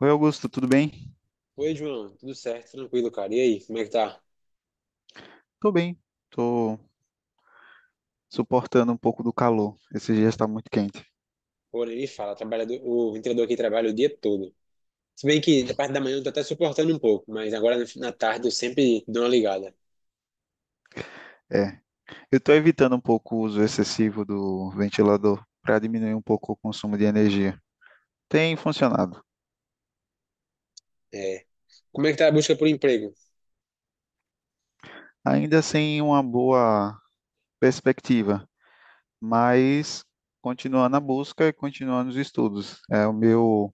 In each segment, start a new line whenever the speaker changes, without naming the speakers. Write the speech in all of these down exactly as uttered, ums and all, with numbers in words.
Oi, Augusto, tudo bem?
Oi, João, tudo certo, tranquilo, cara. E aí, como é que tá?
Tô bem. Tô suportando um pouco do calor. Esse dia está muito quente.
Pô, nem me fala, trabalhador, o ventilador aqui trabalha o dia todo. Se bem que na parte da manhã eu tô até suportando um pouco, mas agora na na tarde eu sempre dou uma ligada.
É. Eu tô evitando um pouco o uso excessivo do ventilador para diminuir um pouco o consumo de energia. Tem funcionado.
É. Como é que tá a busca por emprego?
Ainda sem uma boa perspectiva, mas continuando a busca e continuando os estudos. É o meu,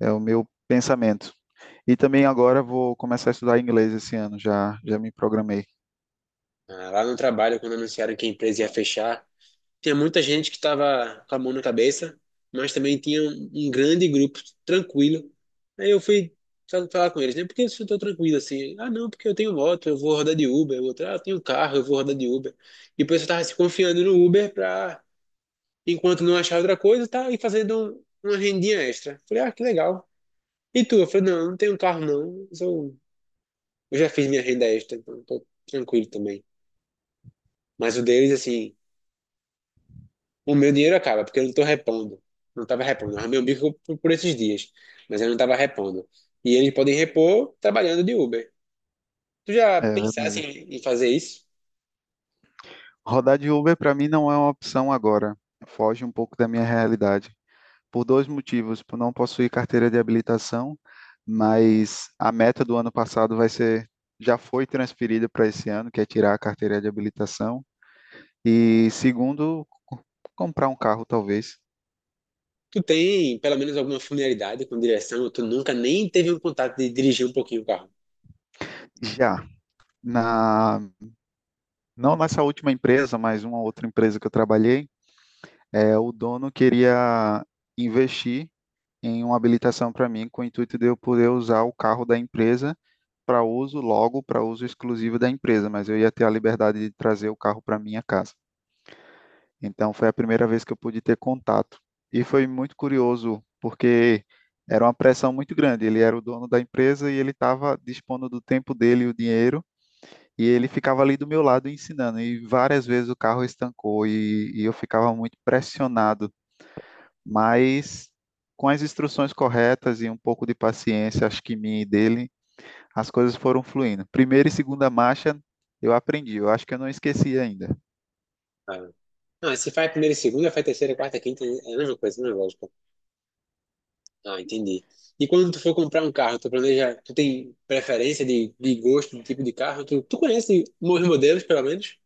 É o meu pensamento. E também agora vou começar a estudar inglês esse ano, já, já me programei.
Ah, lá no trabalho, quando anunciaram que a empresa ia fechar, Tinha muita gente que estava com a mão na cabeça, mas também tinha um, um grande grupo tranquilo. Aí eu fui fa- falar com eles, né? Por que vocês estão tranquilos assim? Ah, não, porque eu tenho moto, eu vou rodar de Uber. O outro, ah, eu tenho carro, eu vou rodar de Uber. E o pessoal estava se confiando no Uber para, enquanto não achar outra coisa, tá e fazendo um- uma rendinha extra. Falei, ah, que legal. E tu? Eu falei, não, eu não tenho carro não. Eu, sou- eu já fiz minha renda extra, então tô tranquilo também. Mas o deles, assim. O meu dinheiro acaba, porque eu não tô repondo. Não tava repondo. Eu arrumei um bico por, por esses dias, mas eu não tava repondo. E eles podem repor trabalhando de Uber. Tu já
É
pensasse
verdade.
em, em fazer isso?
Rodar de Uber para mim não é uma opção agora. Foge um pouco da minha realidade. Por dois motivos: por não possuir carteira de habilitação, mas a meta do ano passado vai ser, já foi transferida para esse ano, que é tirar a carteira de habilitação. E segundo, comprar um carro talvez.
Tu tem pelo menos alguma familiaridade com direção? ou Tu nunca nem teve um contato de dirigir um pouquinho o carro?
Já na não nessa última empresa, mas uma outra empresa que eu trabalhei, é, o dono queria investir em uma habilitação para mim com o intuito de eu poder usar o carro da empresa para uso, logo para uso exclusivo da empresa, mas eu ia ter a liberdade de trazer o carro para minha casa. Então foi a primeira vez que eu pude ter contato, e foi muito curioso porque era uma pressão muito grande. Ele era o dono da empresa e ele estava dispondo do tempo dele e o dinheiro, e ele ficava ali do meu lado ensinando. E várias vezes o carro estancou e, e eu ficava muito pressionado, mas com as instruções corretas e um pouco de paciência, acho que minha e dele, as coisas foram fluindo. Primeira e segunda marcha eu aprendi, eu acho que eu não esqueci ainda.
Ah. Não, se faz primeira e segunda, faz terceira, quarta, quinta, é a mesma coisa, é a mesma lógica. Ah, entendi. E quando tu for comprar um carro, tu planeja, tu tem preferência de, de gosto, de tipo de carro? Tu, tu conhece os modelos, pelo menos?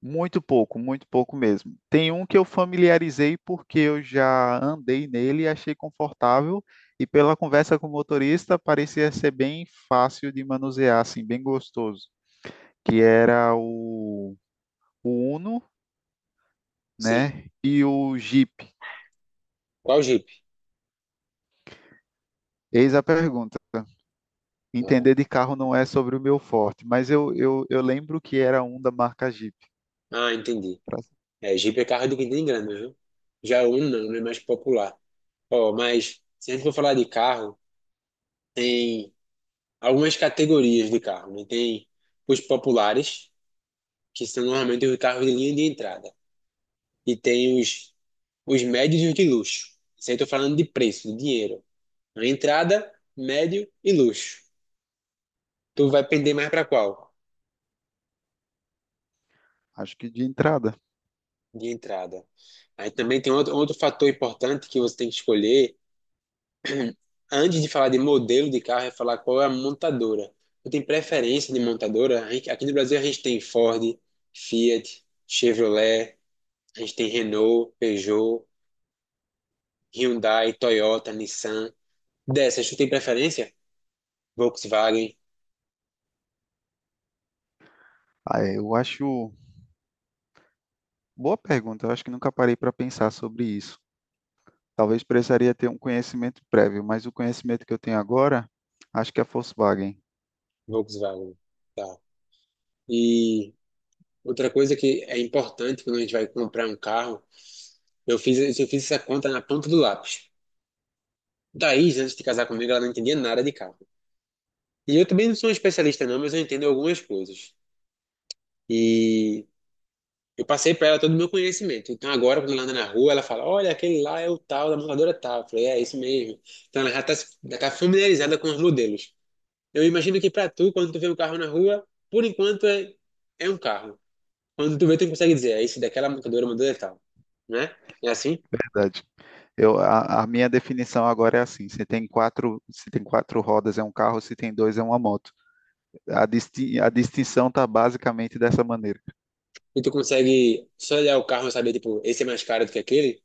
Muito pouco, muito pouco mesmo. Tem um que eu familiarizei porque eu já andei nele e achei confortável, e pela conversa com o motorista parecia ser bem fácil de manusear, assim, bem gostoso, que era o, o Uno,
Sim.
né, e o Jeep.
Qual Jeep?
Eis a pergunta.
Ah,
Entender de carro não é sobre o meu forte, mas eu, eu, eu lembro que era um da marca Jeep,
Ah, entendi.
pra-
É, Jeep é carro de quem tem grana, viu? Já o Uno não, né? Mais popular. Ó, mas se a gente for falar de carro, tem algumas categorias de carro, né? Tem os populares, que são normalmente os carros de linha de entrada. E tem os, os médios e os de luxo. Isso aí eu tô falando de preço, de dinheiro. A entrada, médio e luxo. Tu vai pender mais para qual?
acho que de entrada.
De entrada. Aí também tem outro, outro fator importante que você tem que escolher antes de falar de modelo de carro, é falar qual é a montadora. Eu tenho preferência de montadora. A gente- Aqui no Brasil a gente tem Ford, Fiat, Chevrolet, a gente tem Renault, Peugeot, Hyundai, Toyota, Nissan. Dessas, tu tem preferência? Volkswagen,
Ah, é, eu acho boa pergunta. Eu acho que nunca parei para pensar sobre isso. Talvez precisaria ter um conhecimento prévio, mas o conhecimento que eu tenho agora, acho que é Volkswagen,
Volkswagen, tá. E outra coisa que é importante quando a gente vai comprar um carro, eu fiz, eu fiz essa conta na ponta do lápis. Daí, antes de casar comigo, ela não entendia nada de carro. E eu também não sou um especialista não, mas eu entendo algumas coisas. E eu passei para ela todo o meu conhecimento. Então agora, quando ela anda na rua, ela fala: Olha, aquele lá é o tal, da montadora tal. Eu falei: É, isso mesmo. Então ela já está familiarizada com os modelos. Eu imagino que para tu, quando tu vê um carro na rua, por enquanto é, é um carro. Quando tu vê, tu consegue dizer: É esse daquela montadora, montadora é tal. Né? É assim?
verdade. Eu, a, a minha definição agora é assim: se tem quatro, se tem quatro rodas é um carro, se tem dois é uma moto. A, disti- a distinção está basicamente dessa maneira.
E tu consegue só olhar o carro e saber, tipo, esse é mais caro do que aquele?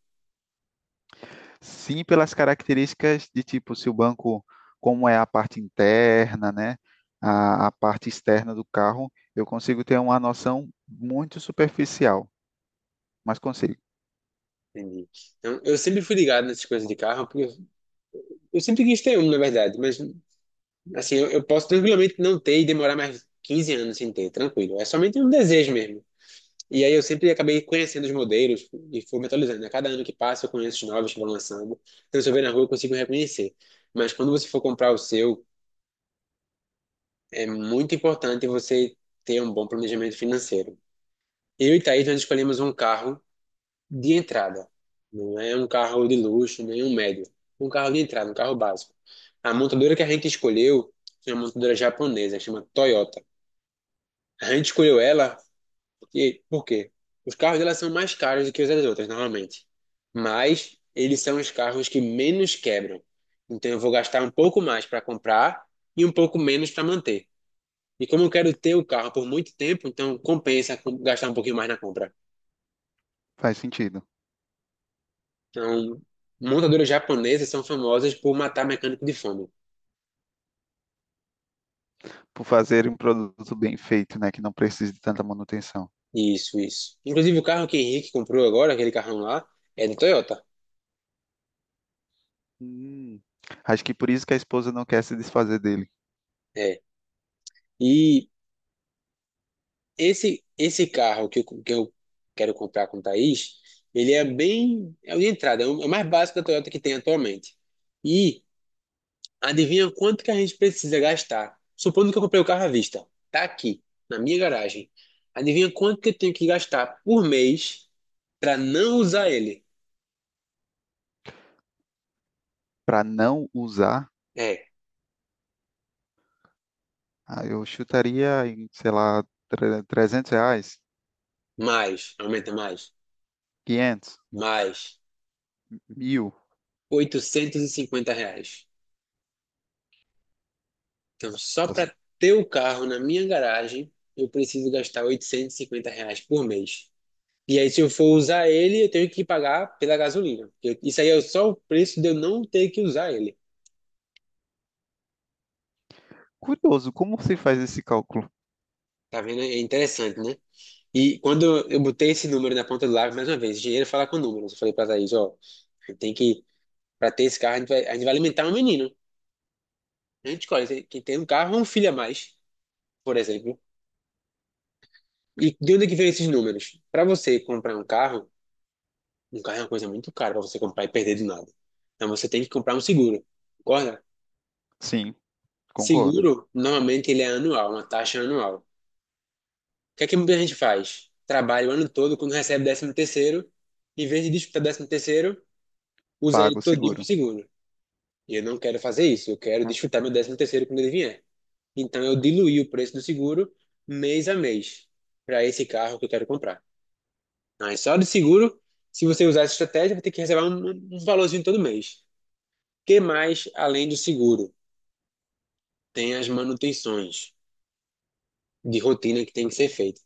Sim, pelas características de tipo, se o banco, como é a parte interna, né, a, a parte externa do carro, eu consigo ter uma noção muito superficial, mas consigo.
Entendi. Então, eu sempre fui ligado nessas coisas de carro, porque eu eu sempre quis ter um, na verdade, mas assim, eu, eu posso tranquilamente não ter e demorar mais 15 anos sem ter, tranquilo. É somente um desejo mesmo. E aí eu sempre acabei conhecendo os modelos e fui me atualizando, né? Cada ano que passa eu conheço os novos que vão lançando. Então, se eu ver na rua, eu consigo reconhecer. Mas quando você for comprar o seu, é muito importante você ter um bom planejamento financeiro. Eu e Thaís, nós escolhemos um carro de entrada. Não é um carro de luxo, nem um médio. Um carro de entrada, um carro básico. A montadora que a gente escolheu é uma montadora japonesa, que chama Toyota. A gente escolheu ela porque, por quê? Os carros dela são mais caros do que os das outras, normalmente. Mas eles são os carros que menos quebram. Então eu vou gastar um pouco mais para comprar e um pouco menos para manter. E como eu quero ter o carro por muito tempo, então compensa com- gastar um pouquinho mais na compra.
Faz sentido.
Então, montadoras japonesas são famosas por matar mecânico de fome.
Por fazer um produto bem feito, né, que não precise de tanta manutenção.
Isso, isso. Inclusive o carro que Henrique comprou agora, aquele carrão lá, é do Toyota.
Hum, acho que por isso que a esposa não quer se desfazer dele.
É. E Esse, esse carro que eu, que eu quero comprar com o Thaís, ele é bem. É o de entrada, é o é o mais básico da Toyota que tem atualmente. E adivinha quanto que a gente precisa gastar? Supondo que eu comprei o carro à vista, tá aqui, na minha garagem. Adivinha quanto que eu tenho que gastar por mês para não usar ele?
Para não usar,
É,
ah, eu chutaria em, sei lá, tre- trezentos reais,
mais, aumenta mais,
quinhentos,
mais,
mil.
oitocentos e cinquenta reais. Então, só
Nossa.
para ter o carro na minha garagem, eu preciso gastar oitocentos e cinquenta reais por mês. E aí, se eu for usar ele, eu tenho que pagar pela gasolina. Eu- isso aí é só o preço de eu não ter que usar ele.
Curioso, como se faz esse cálculo?
Tá vendo? É interessante, né? E quando eu eu botei esse número na ponta do lápis, mais uma vez, dinheiro fala com números. Eu falei pra Thaís, ó, tem que, pra ter esse carro, a gente vai, a gente vai alimentar um menino. A gente escolhe se- quem tem um carro ou um filho a mais, por exemplo. E de onde é que vem esses números? Pra você comprar um carro, um carro é uma coisa muito cara pra você comprar e perder do nada. Então você tem que comprar um seguro, concorda?
Sim, concordo.
Seguro, normalmente ele é anual, uma taxa anual. O que é que muita gente faz? Trabalha o ano todo, quando recebe décimo terceiro, em vez de disputar décimo terceiro, usa ele
Pago
todinho pro
seguro.
seguro. E eu não quero fazer isso, eu quero disputar meu décimo terceiro quando ele vier. Então eu diluí o preço do seguro mês a mês para esse carro que eu quero comprar. Mas só de seguro, se você usar essa estratégia, vai ter que receber um, um valorzinho todo mês. O que mais além do seguro? Tem as manutenções de rotina que tem que ser feita.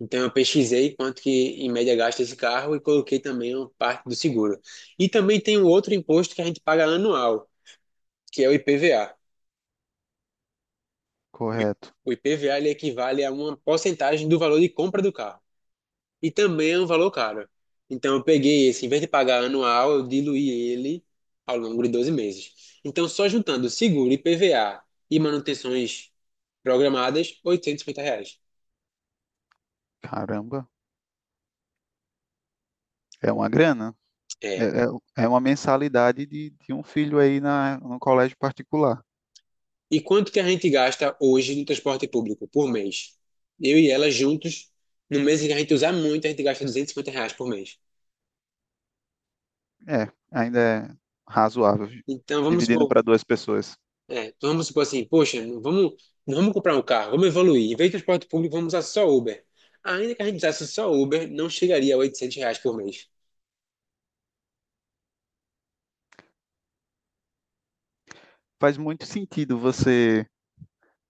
Então eu pesquisei quanto que em média gasta esse carro e coloquei também uma parte do seguro. E também tem um outro imposto que a gente paga anual, que é o IPVA. O I-
Correto.
o IPVA ele equivale a uma porcentagem do valor de compra do carro. E também é um valor caro. Então eu peguei esse, em vez de pagar anual, eu diluí ele ao longo de doze meses. Então só juntando seguro, IPVA e manutenções programadas, oitocentos e cinquenta reais.
Caramba, é uma grana. É,
É,
é, é uma mensalidade de, de um filho aí na, no colégio particular.
E quanto que a gente gasta hoje no transporte público por mês? Eu e ela juntos, no mês em que a gente usar muito, a gente gasta duzentos e cinquenta reais por mês.
É, ainda é razoável,
Então vamos
dividindo
supor,
para duas pessoas.
é, então vamos supor assim, poxa, não vamos, não vamos comprar um carro, vamos evoluir. Em vez de transporte público, vamos usar só Uber. Ainda que a gente usasse só Uber, não chegaria a oitocentos reais por mês.
Faz muito sentido você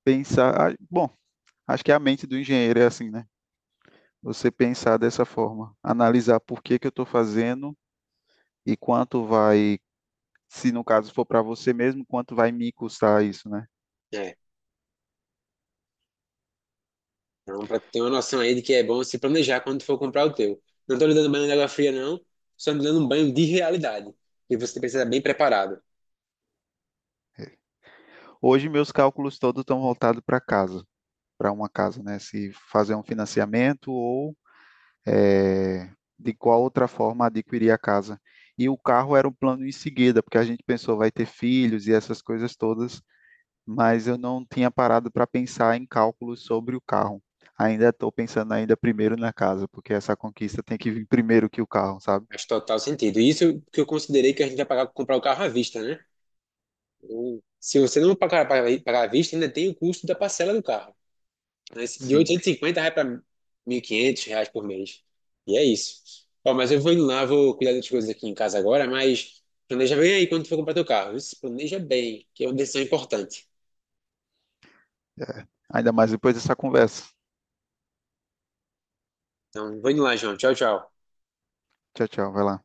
pensar. Ah, bom, acho que a mente do engenheiro é assim, né? Você pensar dessa forma, analisar por que que eu estou fazendo e quanto vai, se no caso for para você mesmo, quanto vai me custar isso, né?
É, então para ter uma noção aí de que é bom se planejar quando for comprar o teu. Não estou lhe dando banho de água fria, não, só lhe dando um banho de realidade. E você precisa estar bem preparado.
Hoje meus cálculos todos estão voltados para casa, para uma casa, né? Se fazer um financiamento ou, é, de qual outra forma adquirir a casa. E o carro era um plano em seguida, porque a gente pensou vai ter filhos e essas coisas todas. Mas eu não tinha parado para pensar em cálculos sobre o carro. Ainda estou pensando ainda primeiro na casa, porque essa conquista tem que vir primeiro que o carro, sabe?
Faz total sentido. E Isso que eu considerei que a gente vai pagar comprar o carro à vista, né? Ou, se você não pagar, pagar, pagar à vista, ainda tem o custo da parcela do carro, né? Esse De
Sim,
oitocentos e cinquenta reais para mil e quinhentos reais por mês. E é isso. Ó, mas eu vou indo lá, vou cuidar das coisas aqui em casa agora, mas planeja bem aí quando tu for comprar teu carro. Isso, planeja bem, que é uma decisão importante.
é. Ainda mais depois dessa conversa.
Então, vou indo lá, João. Tchau, tchau.
Tchau, tchau, vai lá.